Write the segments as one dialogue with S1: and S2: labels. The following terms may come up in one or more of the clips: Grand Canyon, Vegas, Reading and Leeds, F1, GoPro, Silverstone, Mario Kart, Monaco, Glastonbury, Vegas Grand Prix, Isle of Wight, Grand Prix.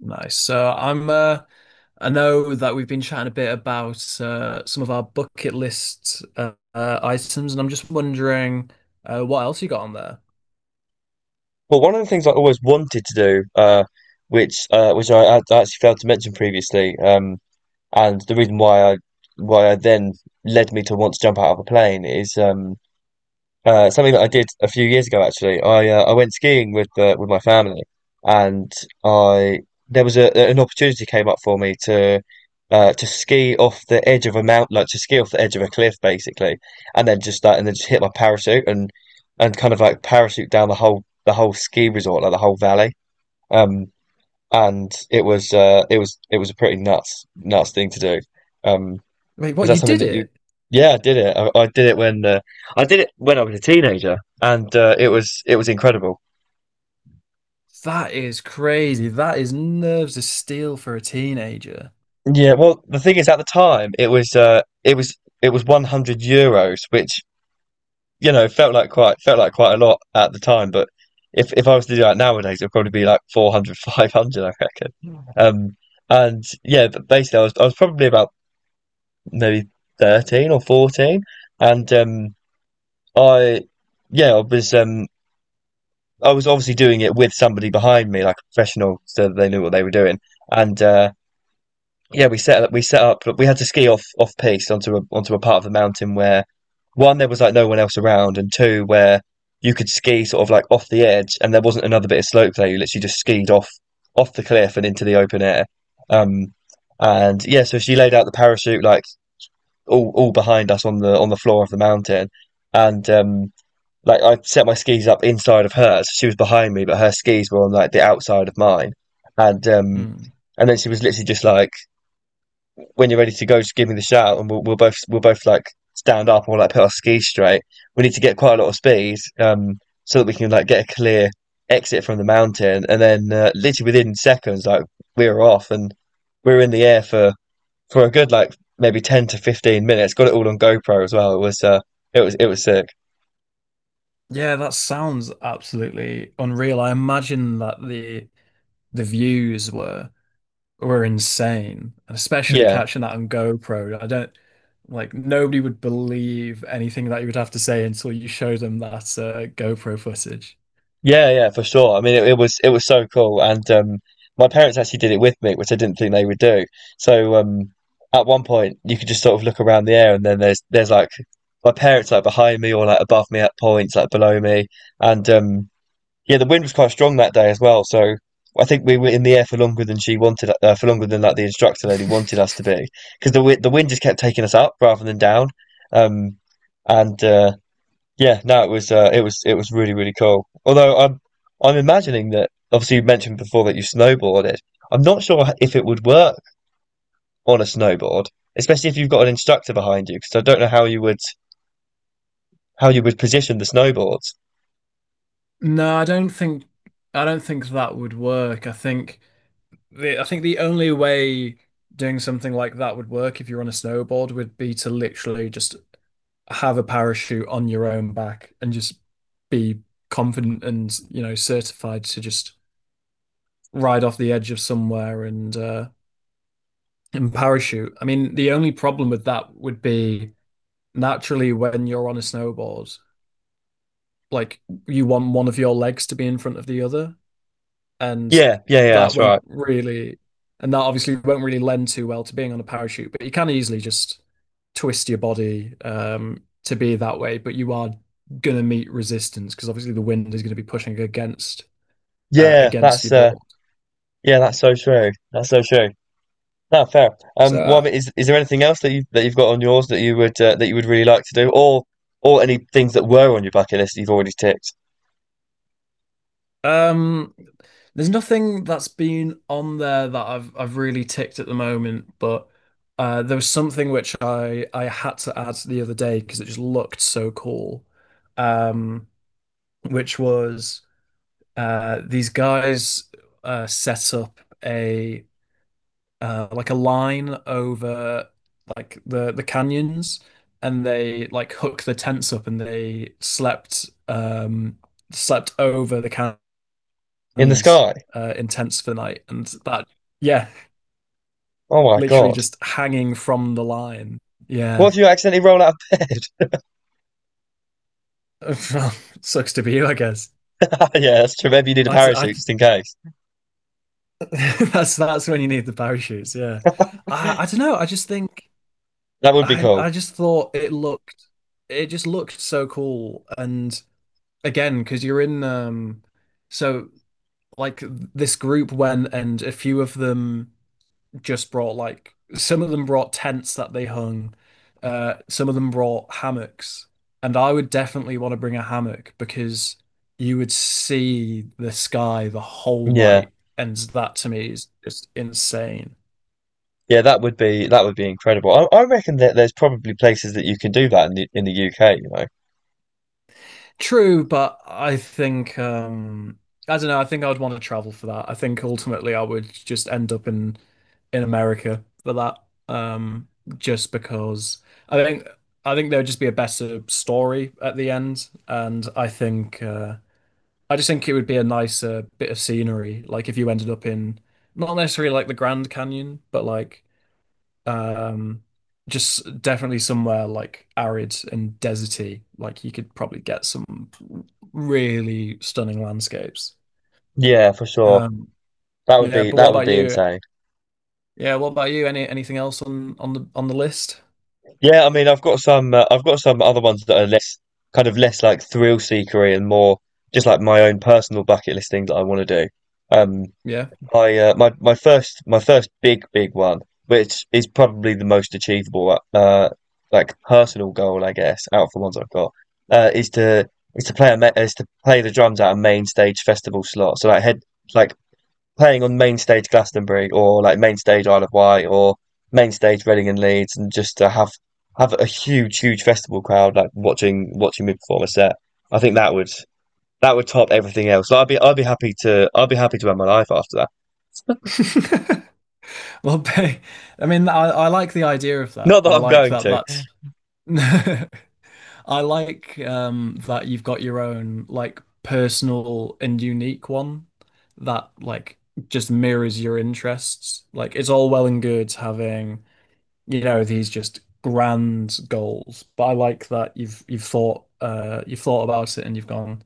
S1: Nice. I know that we've been chatting a bit about some of our bucket list items, and I'm just wondering what else you got on there?
S2: Well, one of the things I always wanted to do, which I actually failed to mention previously, and the reason why I then led me to want to jump out of a plane is something that I did a few years ago actually. I went skiing with my family, and I there was a an opportunity came up for me to ski off the edge of a mount, like to ski off the edge of a cliff basically, and then just hit my parachute and kind of like parachute down the whole ski resort, like the whole valley. Um, and it was it was a pretty nuts thing to do. Um,
S1: Wait,
S2: is
S1: what,
S2: that
S1: you
S2: something
S1: did
S2: that you?
S1: it?
S2: Yeah, I did it. I did it when I did it when I was a teenager, and it was incredible.
S1: That is crazy. That is nerves of steel for a teenager.
S2: Yeah, well, the thing is, at the time, it was it was €100, which you know felt like quite a lot at the time. But if I was to do that nowadays, it'd probably be like 400, 500, I reckon. But basically, I was probably about maybe 13 or 14, and I yeah, I was um I was obviously doing it with somebody behind me, like a professional, so that they knew what they were doing. And yeah, we set up, but we had to ski off off piste onto a onto a part of the mountain where one there was like no one else around, and two where you could ski sort of like off the edge, and there wasn't another bit of slope there. You literally just skied off the cliff and into the open air. Um, and yeah, so she laid out the parachute like all behind us on the floor of the mountain, and like I set my skis up inside of hers. She was behind me, but her skis were on like the outside of mine. And um
S1: Hmm.
S2: and then she was literally just like, "When you're ready to go, just give me the shout, and we'll both like stand up and we'll like put our skis straight. We need to get quite a lot of speed, so that we can like get a clear exit from the mountain." And then literally within seconds, like we were off and we were in the air for a good like maybe 10 to 15 minutes. Got it all on GoPro as well. It was it was sick.
S1: Yeah, that sounds absolutely unreal. I imagine that the views were insane, especially
S2: Yeah.
S1: catching that on GoPro. I don't Like, nobody would believe anything that you would have to say until you show them that GoPro footage.
S2: Yeah, yeah, for sure. I mean, it was so cool, and my parents actually did it with me, which I didn't think they would do. So at one point, you could just sort of look around the air, and then there's like my parents like behind me or like above me at points, like below me, and yeah, the wind was quite strong that day as well. So I think we were in the air for longer than she wanted, for longer than like the instructor lady wanted us to be, because the the wind just kept taking us up rather than down, um, and yeah, no, it was it was really really cool. Although I'm imagining that obviously you mentioned before that you snowboarded. I'm not sure if it would work on a snowboard, especially if you've got an instructor behind you, because I don't know how you would position the snowboards.
S1: No, I don't think that would work. I think the only way doing something like that would work if you're on a snowboard would be to literally just have a parachute on your own back and just be confident and, you know, certified to just ride off the edge of somewhere and parachute. I mean, the only problem with that would be, naturally, when you're on a snowboard, like, you want one of your legs to be in front of the other, and
S2: Yeah, yeah, yeah,
S1: that
S2: that's
S1: won't
S2: right.
S1: really, and that obviously won't really lend too well to being on a parachute. But you can easily just twist your body to be that way, but you are gonna meet resistance because obviously the wind is going to be pushing against
S2: Yeah,
S1: against
S2: that's
S1: your
S2: uh,
S1: board.
S2: yeah, that's so true. That's so true. No, fair. Well, I
S1: So
S2: mean, is there anything else that you that you've got on yours that you would really like to do, or any things that were on your bucket list that you've already ticked
S1: Um, there's nothing that's been on there that I've really ticked at the moment, but there was something which I had to add the other day because it just looked so cool. Um, which was these guys set up a like a line over like the canyons, and they like hook the tents up and they slept slept over the canyons
S2: in the
S1: Canyon's
S2: sky?
S1: Intense for the night, and that, yeah,
S2: Oh my
S1: literally
S2: God.
S1: just hanging from the line.
S2: What
S1: Yeah.
S2: if you accidentally roll out of bed?
S1: Well, sucks to be you, I guess.
S2: Yeah, that's true. Maybe you need a
S1: I
S2: parachute just in case.
S1: that's when you need the parachutes. Yeah, I don't know. I just think
S2: That would be
S1: I
S2: cool.
S1: just thought it looked, it just looked so cool, and again, because you're in so, like, this group went, and a few of them just brought, like, some of them brought tents that they hung, some of them brought hammocks, and I would definitely want to bring a hammock because you would see the sky the whole
S2: Yeah.
S1: night, and that to me is just insane.
S2: Yeah, that would be incredible. I reckon that there's probably places that you can do that in the UK, you know.
S1: True, but I think I don't know, I think I would want to travel for that. I think ultimately I would just end up in America for that. Um just because I think I think there would just be a better story at the end, and I think I just think it would be a nicer bit of scenery, like if you ended up in, not necessarily like the Grand Canyon, but like um, just definitely somewhere like arid and deserty. Like, you could probably get some really stunning landscapes.
S2: Yeah, for sure.
S1: Um,
S2: That would
S1: yeah,
S2: be
S1: but what about you?
S2: insane.
S1: Yeah, what about you? Anything else on on the list?
S2: Yeah, I mean, I've got some other ones that are less kind of less like thrill seekery and more just like my own personal bucket list thing that I want to do. Um,
S1: Yeah.
S2: I My my first big big one, which is probably the most achievable like personal goal I guess out of the ones I've got, is to is to play the drums at a main stage festival slot. So like head like playing on main stage Glastonbury or like main stage Isle of Wight or main stage Reading and Leeds, and just to have a huge huge festival crowd like watching me perform a set. I think that would top everything else. Like, I'd be happy to I'd be happy to end my life after that.
S1: Well, I mean, I like the idea of that.
S2: Not that
S1: I
S2: I'm
S1: like
S2: going
S1: that
S2: to.
S1: that's I like that you've got your own, like, personal and unique one that, like, just mirrors your interests. Like, it's all well and good having, you know, these just grand goals, but I like that you've thought about it and you've gone,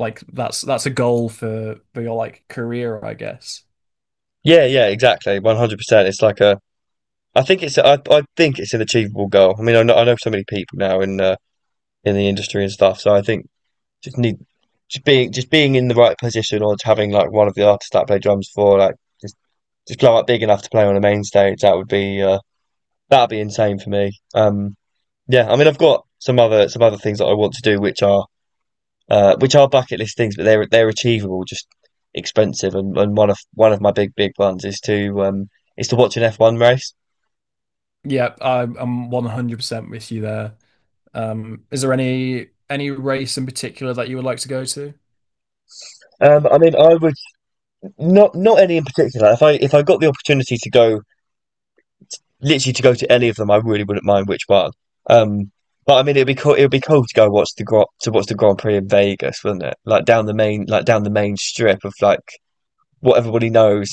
S1: like, that's a goal for your like career, I guess.
S2: Yeah, yeah, exactly. 100%. It's like a, I think it's an achievable goal. I mean, I know so many people now in the industry and stuff. So I think just need, just being in the right position or just having like one of the artists that I play drums for, just, just blow up big enough to play on a main stage. That would be, that'd be insane for me. Yeah, I mean, I've got some other things that I want to do, which are bucket list things, but they're achievable, just expensive. And one of One of my big big ones is to watch an F one race.
S1: Yeah, I'm 100% with you there. Is there any race in particular that you would like to go to?
S2: I mean, I would not not any in particular. If I got the opportunity to go literally to go to any of them, I really wouldn't mind which one. Um, but I mean, it'd be cool. It'd be cool to go watch the Gro- to watch the Grand Prix in Vegas, wouldn't it? Like down the main strip of like what everybody knows.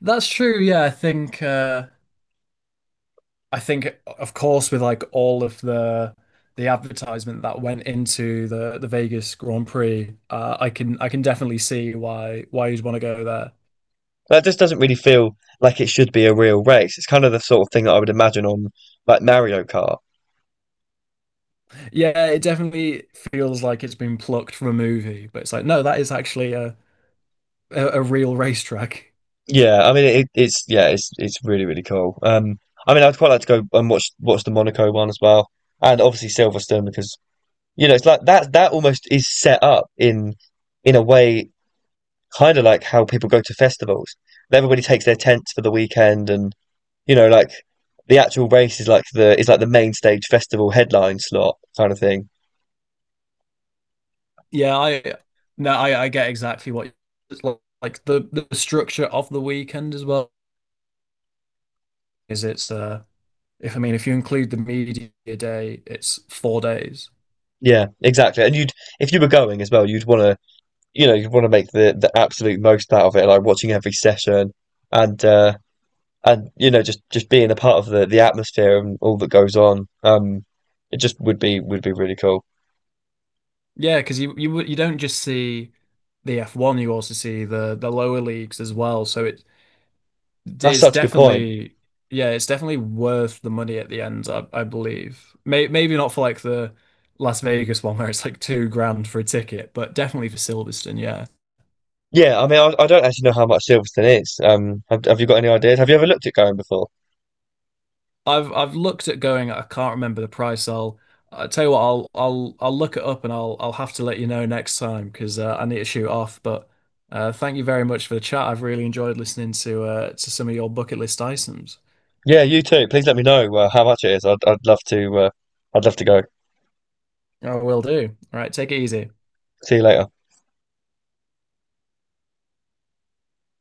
S1: That's true. Yeah, I think I think, of course, with like all of the advertisement that went into the Vegas Grand Prix, I can definitely see why you'd want to go there.
S2: That just doesn't really feel like it should be a real race. It's kind of the sort of thing that I would imagine on like Mario Kart.
S1: Yeah, it definitely feels like it's been plucked from a movie, but it's like, no, that is actually a real racetrack.
S2: Yeah, I mean it, it's yeah, it's really really cool. I mean I'd quite like to go and watch the Monaco one as well, and obviously Silverstone because you know it's like that almost is set up in a way kind of like how people go to festivals. Everybody takes their tents for the weekend, and you know like the actual race is like the main stage festival headline slot kind of thing.
S1: Yeah, I no, I get exactly what it's like. Like, the structure of the weekend as well is, it's if, I mean, if you include the media day, it's 4 days.
S2: Yeah, exactly. If you were going as well, you'd want to, you know, you'd want to make the absolute most out of it, like watching every session and you know just being a part of the atmosphere and all that goes on. It just would be really cool.
S1: Yeah, because you don't just see the F1, you also see the lower leagues as well. So
S2: That's
S1: it's
S2: such a good point.
S1: definitely, yeah, it's definitely worth the money at the end, I believe. Maybe not for like the Las Vegas one where it's like 2 grand for a ticket, but definitely for Silverstone, yeah.
S2: Yeah, I mean, I don't actually know how much Silverstone is. Have you got any ideas? Have you ever looked at going before?
S1: I've looked at going. I can't remember the price. I tell you what. I'll look it up and I'll have to let you know next time because I need to shoot off. But thank you very much for the chat. I've really enjoyed listening to some of your bucket list items.
S2: Yeah, you too. Please let me know how much it is. I'd love to go.
S1: I will do. All right, take it easy.
S2: See you later.